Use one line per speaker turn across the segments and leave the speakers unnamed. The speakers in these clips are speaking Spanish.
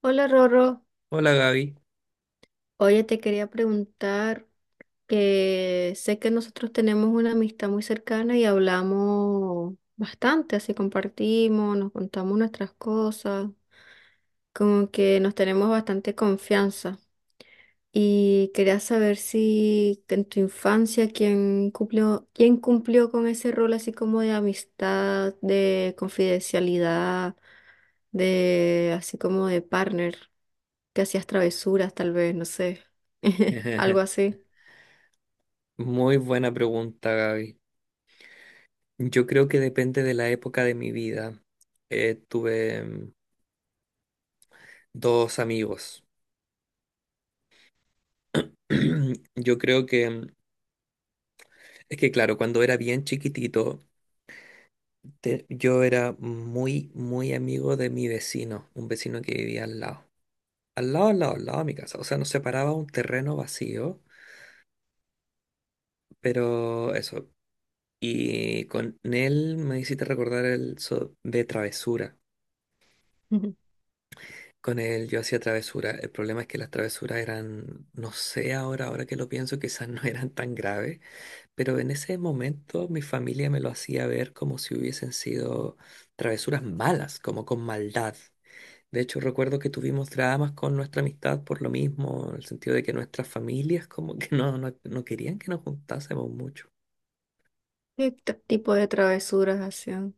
Hola Rorro,
Hola Gaby.
oye, te quería preguntar que sé que nosotros tenemos una amistad muy cercana y hablamos bastante, así compartimos, nos contamos nuestras cosas, como que nos tenemos bastante confianza. Y quería saber si en tu infancia quién cumplió con ese rol así como de amistad, de confidencialidad, de así como de partner. Que hacías travesuras, tal vez, no sé. Algo así.
Muy buena pregunta, Gaby. Yo creo que depende de la época de mi vida. Tuve dos amigos. Yo creo que, es que claro, cuando era bien chiquitito, yo era muy amigo de mi vecino, un vecino que vivía al lado. Al lado, al lado, al lado de mi casa. O sea, nos separaba un terreno vacío, pero eso. Y con él me hiciste recordar el de travesura.
Ujú.
Con él yo hacía travesuras. El problema es que las travesuras eran, no sé ahora, ahora que lo pienso, quizás no eran tan graves, pero en ese momento mi familia me lo hacía ver como si hubiesen sido travesuras malas, como con maldad. De hecho, recuerdo que tuvimos dramas con nuestra amistad por lo mismo, en el sentido de que nuestras familias como que no, no, no querían que nos juntásemos mucho.
¿Qué tipo de travesuras hacían?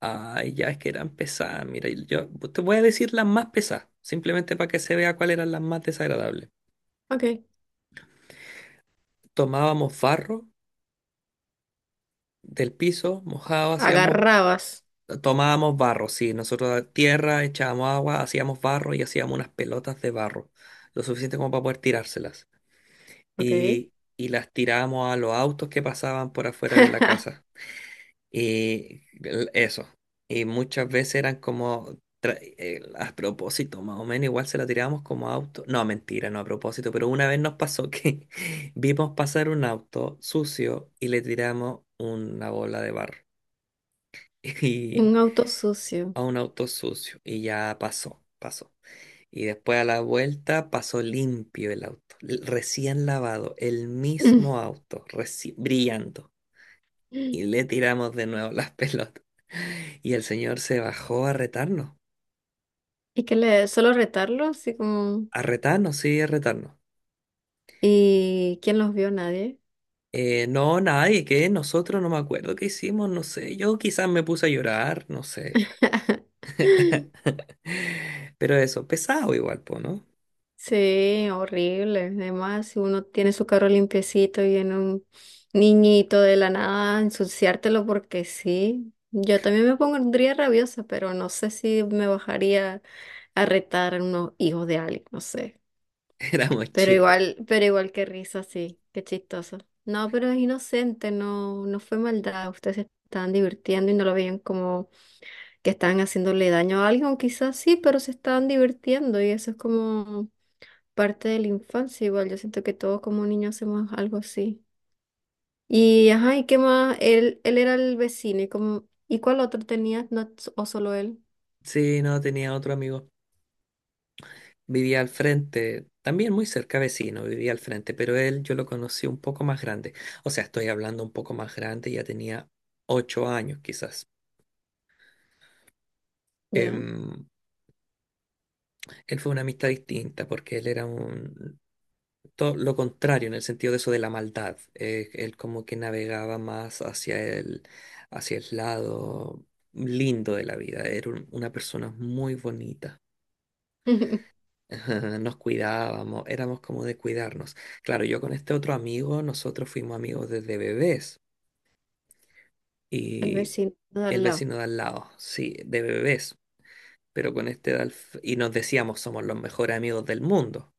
Ay, ya es que eran pesadas. Mira, y yo te voy a decir las más pesadas, simplemente para que se vea cuáles eran las más desagradables.
Ok.
Tomábamos farro del piso mojado
Agarrabas.
tomábamos barro, sí, nosotros a tierra, echábamos agua, hacíamos barro y hacíamos unas pelotas de barro, lo suficiente como para poder tirárselas.
Ok.
Y las tirábamos a los autos que pasaban por afuera de la casa. Y eso. Y muchas veces eran como... A propósito, más o menos, igual se la tirábamos como auto. No, mentira, no a propósito, pero una vez nos pasó que vimos pasar un auto sucio y le tiramos una bola de barro. Y
Un auto sucio.
a un auto sucio y ya pasó, pasó. Y después a la vuelta pasó limpio el auto, recién lavado, el mismo auto, brillando. Y le tiramos de nuevo las pelotas. Y el señor se bajó
¿Y que le solo retarlo? Así como.
a retarnos, sí, a retarnos.
¿Y quién los vio? Nadie.
No, nadie, que nosotros no me acuerdo qué hicimos, no sé. Yo quizás me puse a llorar, no sé. Pero eso, pesado igual, po, ¿no?
Sí, horrible. Además, si uno tiene su carro limpiecito y viene un niñito de la nada a ensuciártelo porque sí. Yo también me pondría rabiosa, pero no sé si me bajaría a retar a unos hijos de alguien, no sé.
Éramos chicos.
Pero igual qué risa, sí, qué chistoso. No, pero es inocente, no, no fue maldad. Ustedes se estaban divirtiendo y no lo veían como que estaban haciéndole daño a alguien, quizás sí, pero se estaban divirtiendo y eso es como parte de la infancia, igual yo siento que todos como niños hacemos algo así. Y ajá, ¿y qué más? Él era el vecino, ¿y cuál otro tenías? No, ¿o solo él?
Sí, no, tenía otro amigo. Vivía al frente, también muy cerca vecino, vivía al frente, pero él yo lo conocí un poco más grande. O sea, estoy hablando un poco más grande, ya tenía 8 años quizás.
Ya,
Em, él fue una amistad distinta porque él era un todo lo contrario en el sentido de eso de la maldad. Él como que navegaba más hacia hacia el lado lindo de la vida. Era una persona muy bonita. Nos cuidábamos, éramos como de cuidarnos. Claro, yo con este otro amigo, nosotros fuimos amigos desde bebés
el
y
vecino de
el
al lado.
vecino de al lado, sí, de bebés, pero con este de y nos decíamos somos los mejores amigos del mundo,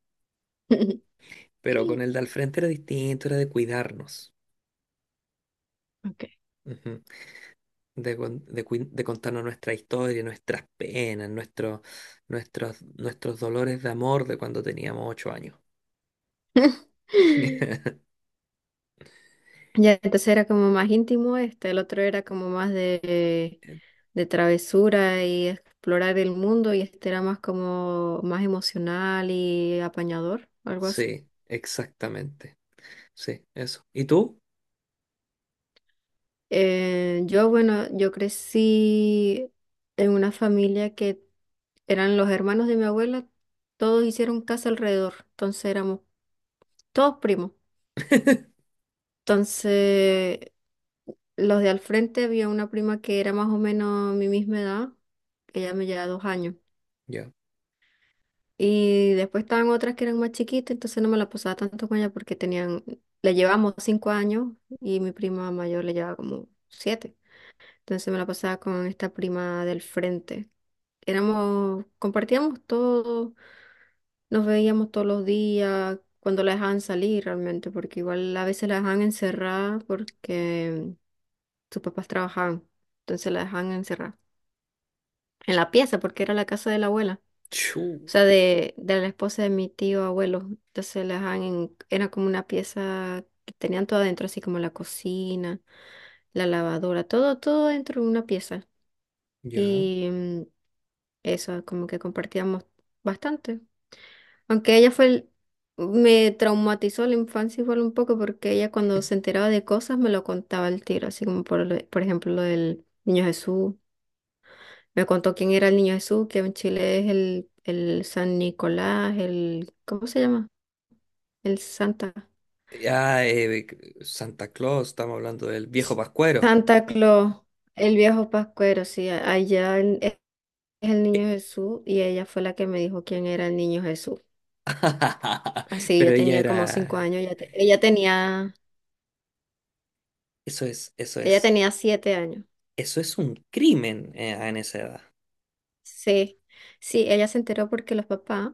pero con el de al frente era distinto, era de cuidarnos,
Ok.
ujú. De contarnos nuestra historia, nuestras penas, nuestros dolores de amor de cuando teníamos 8 años.
Ya, entonces era como más íntimo este, el otro era como más de travesura y explorar el mundo y este era más como más emocional y apañador, algo así.
Sí, exactamente. Sí, eso. ¿Y tú?
Bueno, yo crecí en una familia que eran los hermanos de mi abuela, todos hicieron casa alrededor, entonces éramos todos primos. Entonces, los de al frente había una prima que era más o menos mi misma edad, que ella me lleva 2 años.
Ya.
Y después estaban otras que eran más chiquitas, entonces no me la pasaba tanto con ella porque tenían, le llevamos 5 años y mi prima mayor le llevaba como siete. Entonces me la pasaba con esta prima del frente éramos, compartíamos todo, nos veíamos todos los días, cuando la dejaban salir realmente, porque igual a veces la dejaban encerrada porque sus papás trabajaban, entonces la dejaban encerrada en la pieza porque era la casa de la abuela, o
Chu.
sea, de la esposa de mi tío abuelo, entonces la dejaban en, era como una pieza que tenían todo adentro, así como la cocina, la lavadora, todo, todo dentro de una pieza.
Ya.
Y eso, como que compartíamos bastante. Aunque ella me traumatizó la infancia igual un poco porque ella cuando se enteraba de cosas me lo contaba al tiro, así como por ejemplo lo del Niño Jesús. Me contó quién era el Niño Jesús, que en Chile es el San Nicolás, el... ¿Cómo se llama? El Santa.
Ya, Santa Claus, estamos hablando del viejo
S-
Pascuero.
Santa Claus, el viejo Pascuero, sí, allá es el
Eh,
Niño Jesús y ella fue la que me dijo quién era el Niño Jesús. Así
Pero
yo
ella
tenía
era...
como 5 años, ella, te- ella tenía,
Eso es, eso
ella
es,
tenía 7 años.
eso es un crimen en esa edad.
Sí, sí, ella se enteró porque los papás,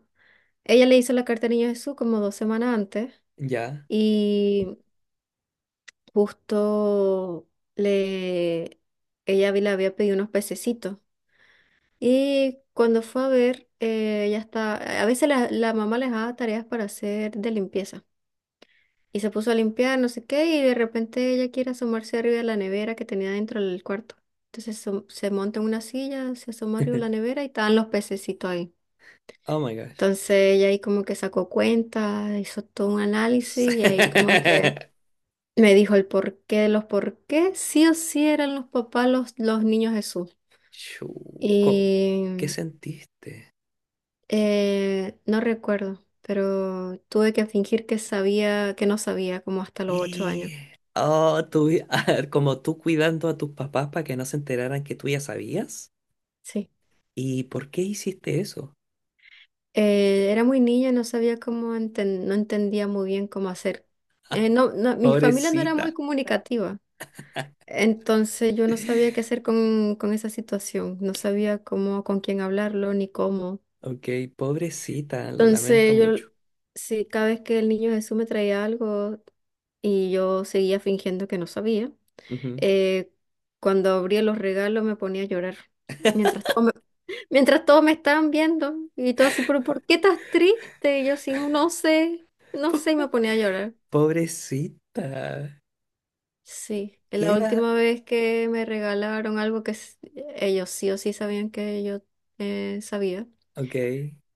ella le hizo la carta al Niño Jesús como 2 semanas antes
Ya.
y justo le, le había pedido unos pececitos. Y cuando fue a ver, ella está, a veces la mamá les daba tareas para hacer de limpieza. Y se puso a limpiar, no sé qué, y de repente ella quiere asomarse arriba de la nevera que tenía dentro del cuarto. Entonces se monta en una silla, se asoma arriba de la nevera y estaban los pececitos ahí.
Oh my gosh.
Entonces ella ahí como que sacó cuenta, hizo todo un análisis y ahí como que me dijo el porqué de los por qué, sí o sí eran los papás los niños Jesús.
Chu, ¿qué
Y
sentiste?
no recuerdo, pero tuve que fingir que sabía, que no sabía, como hasta los 8 años.
Oh, tú, a ver, como tú cuidando a tus papás para que no se enteraran que tú ya sabías.
Sí.
¿Y por qué hiciste eso?
Era muy niña, no sabía cómo no entendía muy bien cómo hacer. No, no, mi familia no era muy
Pobrecita.
comunicativa. Entonces yo no sabía qué hacer con esa situación, no sabía cómo, con quién hablarlo ni cómo.
Ok, pobrecita, lo lamento
Entonces yo,
mucho.
sí, cada vez que el niño Jesús me traía algo y yo seguía fingiendo que no sabía,
Ujú.
eh, cuando abría los regalos me ponía a llorar. Mientras todo me, Mientras todos me estaban viendo y todo así, pero ¿por qué estás triste? Y yo así, no sé, no sé, y me
Pobre-
ponía a llorar.
pobrecita.
Sí, la
Queda.
última vez que me regalaron algo que ellos sí o sí sabían que yo sabía,
Ok,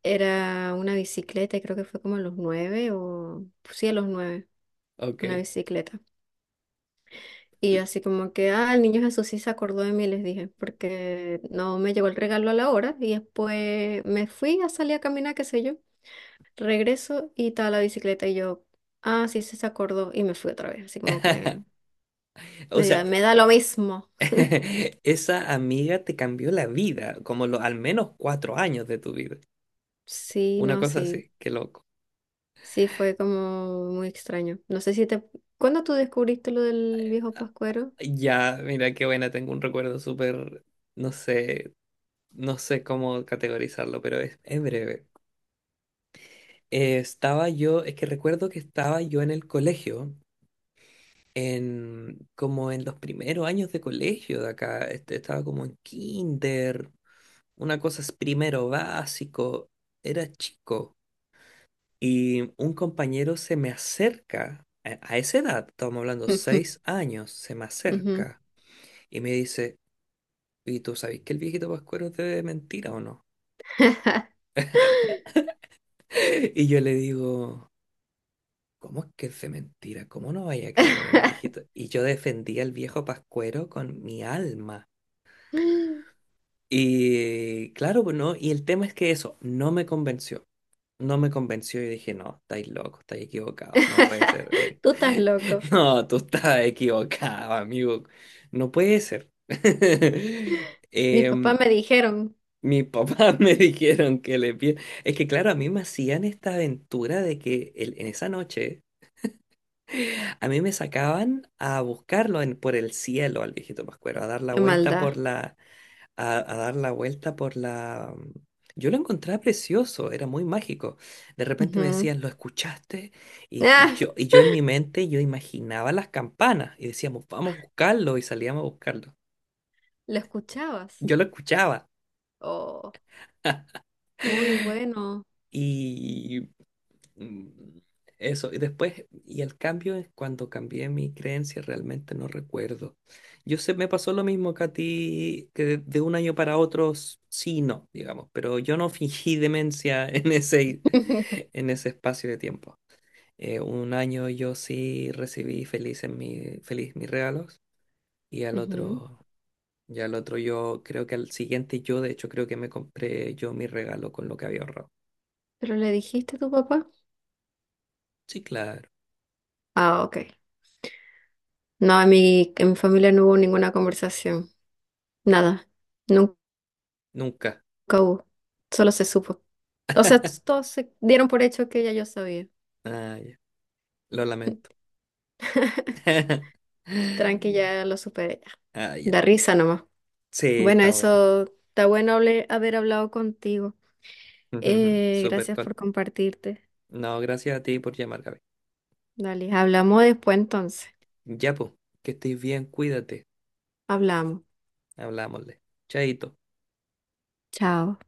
era una bicicleta, y creo que fue como a los nueve o sí, a los nueve,
ok.
una bicicleta. Y yo así como que, ah, el niño Jesús sí se acordó de mí, les dije, porque no me llegó el regalo a la hora y después me fui a salir a caminar, qué sé yo, regreso y estaba la bicicleta y yo, ah, sí, sí se acordó y me fui otra vez, así como que
O sea,
me da lo mismo.
esa amiga te cambió la vida, como lo, al menos 4 años de tu vida.
Sí,
Una
no,
cosa
sí.
así, qué loco.
Sí, fue como muy extraño. No sé si te... ¿Cuándo tú descubriste lo del viejo
Ah,
Pascuero?
ya, mira qué buena, tengo un recuerdo súper, no sé, no sé cómo categorizarlo, pero es breve. Estaba yo, es que recuerdo que estaba yo en el colegio en, como en los primeros años de colegio de acá, este, estaba como en kinder, una cosa es primero básico, era chico, y un compañero se me acerca, a esa edad, estamos hablando seis años, se me
Ujú.
acerca y me dice, ¿y tú sabes que el viejito Pascuero es de mentira o no? Y yo le digo... ¿Cómo es que es de mentira? ¿Cómo no vaya a creer en el viejito? Y yo defendía al viejo Pascuero con mi alma. Y claro, pues no, y el tema es que eso no me convenció. No me convenció y dije, no, estáis locos, estáis equivocados, no puede ser.
Tú estás loco.
No, tú estás equivocado, amigo. No puede ser.
Mis papás
Em,
me dijeron.
mis papás me dijeron que le pide. Es que claro, a mí me hacían esta aventura de que en esa noche a mí me sacaban a buscarlo por el cielo al viejito Pascuero, a dar la
Qué
vuelta
maldad.
por a dar la vuelta por la... yo lo encontraba precioso, era muy mágico. De repente me
Ujú.
decían, ¿lo escuchaste?
Ah,
Y yo en mi mente, yo imaginaba las campanas y decíamos, vamos a buscarlo y salíamos a buscarlo.
¿lo escuchabas?
Yo lo escuchaba
Oh, muy bueno.
y Mm, eso, y después, y el cambio es cuando cambié mi creencia, realmente no recuerdo. Yo sé, me pasó lo mismo que a ti, que de un año para otro, sí, y no, digamos, pero yo no fingí demencia en ese espacio de tiempo. Un año yo sí recibí feliz, en mi, feliz mis regalos, y al
Ujú.
otro, y al otro yo, creo que al siguiente yo, de hecho, creo que me compré yo mi regalo con lo que había ahorrado.
¿Pero le dijiste a tu papá?
Sí, claro,
Ah, ok. No, en mi, familia no hubo ninguna conversación. Nada. Nunca
nunca.
hubo. Solo se supo. O sea, todos se dieron por hecho que ya yo sabía.
Ah, ya, lo lamento.
Tranqui, ya lo superé. Ya.
Ah,
Da
ya.
risa nomás.
Sí,
Bueno,
está bueno.
eso está bueno haber hablado contigo.
Ujujujú. Súper
Gracias
con...
por compartirte.
No, gracias a ti por llamar, Gaby.
Dale, hablamos después entonces.
Ya, pues, que estés bien, cuídate.
Hablamos.
Hablámosle. Chaito.
Chao.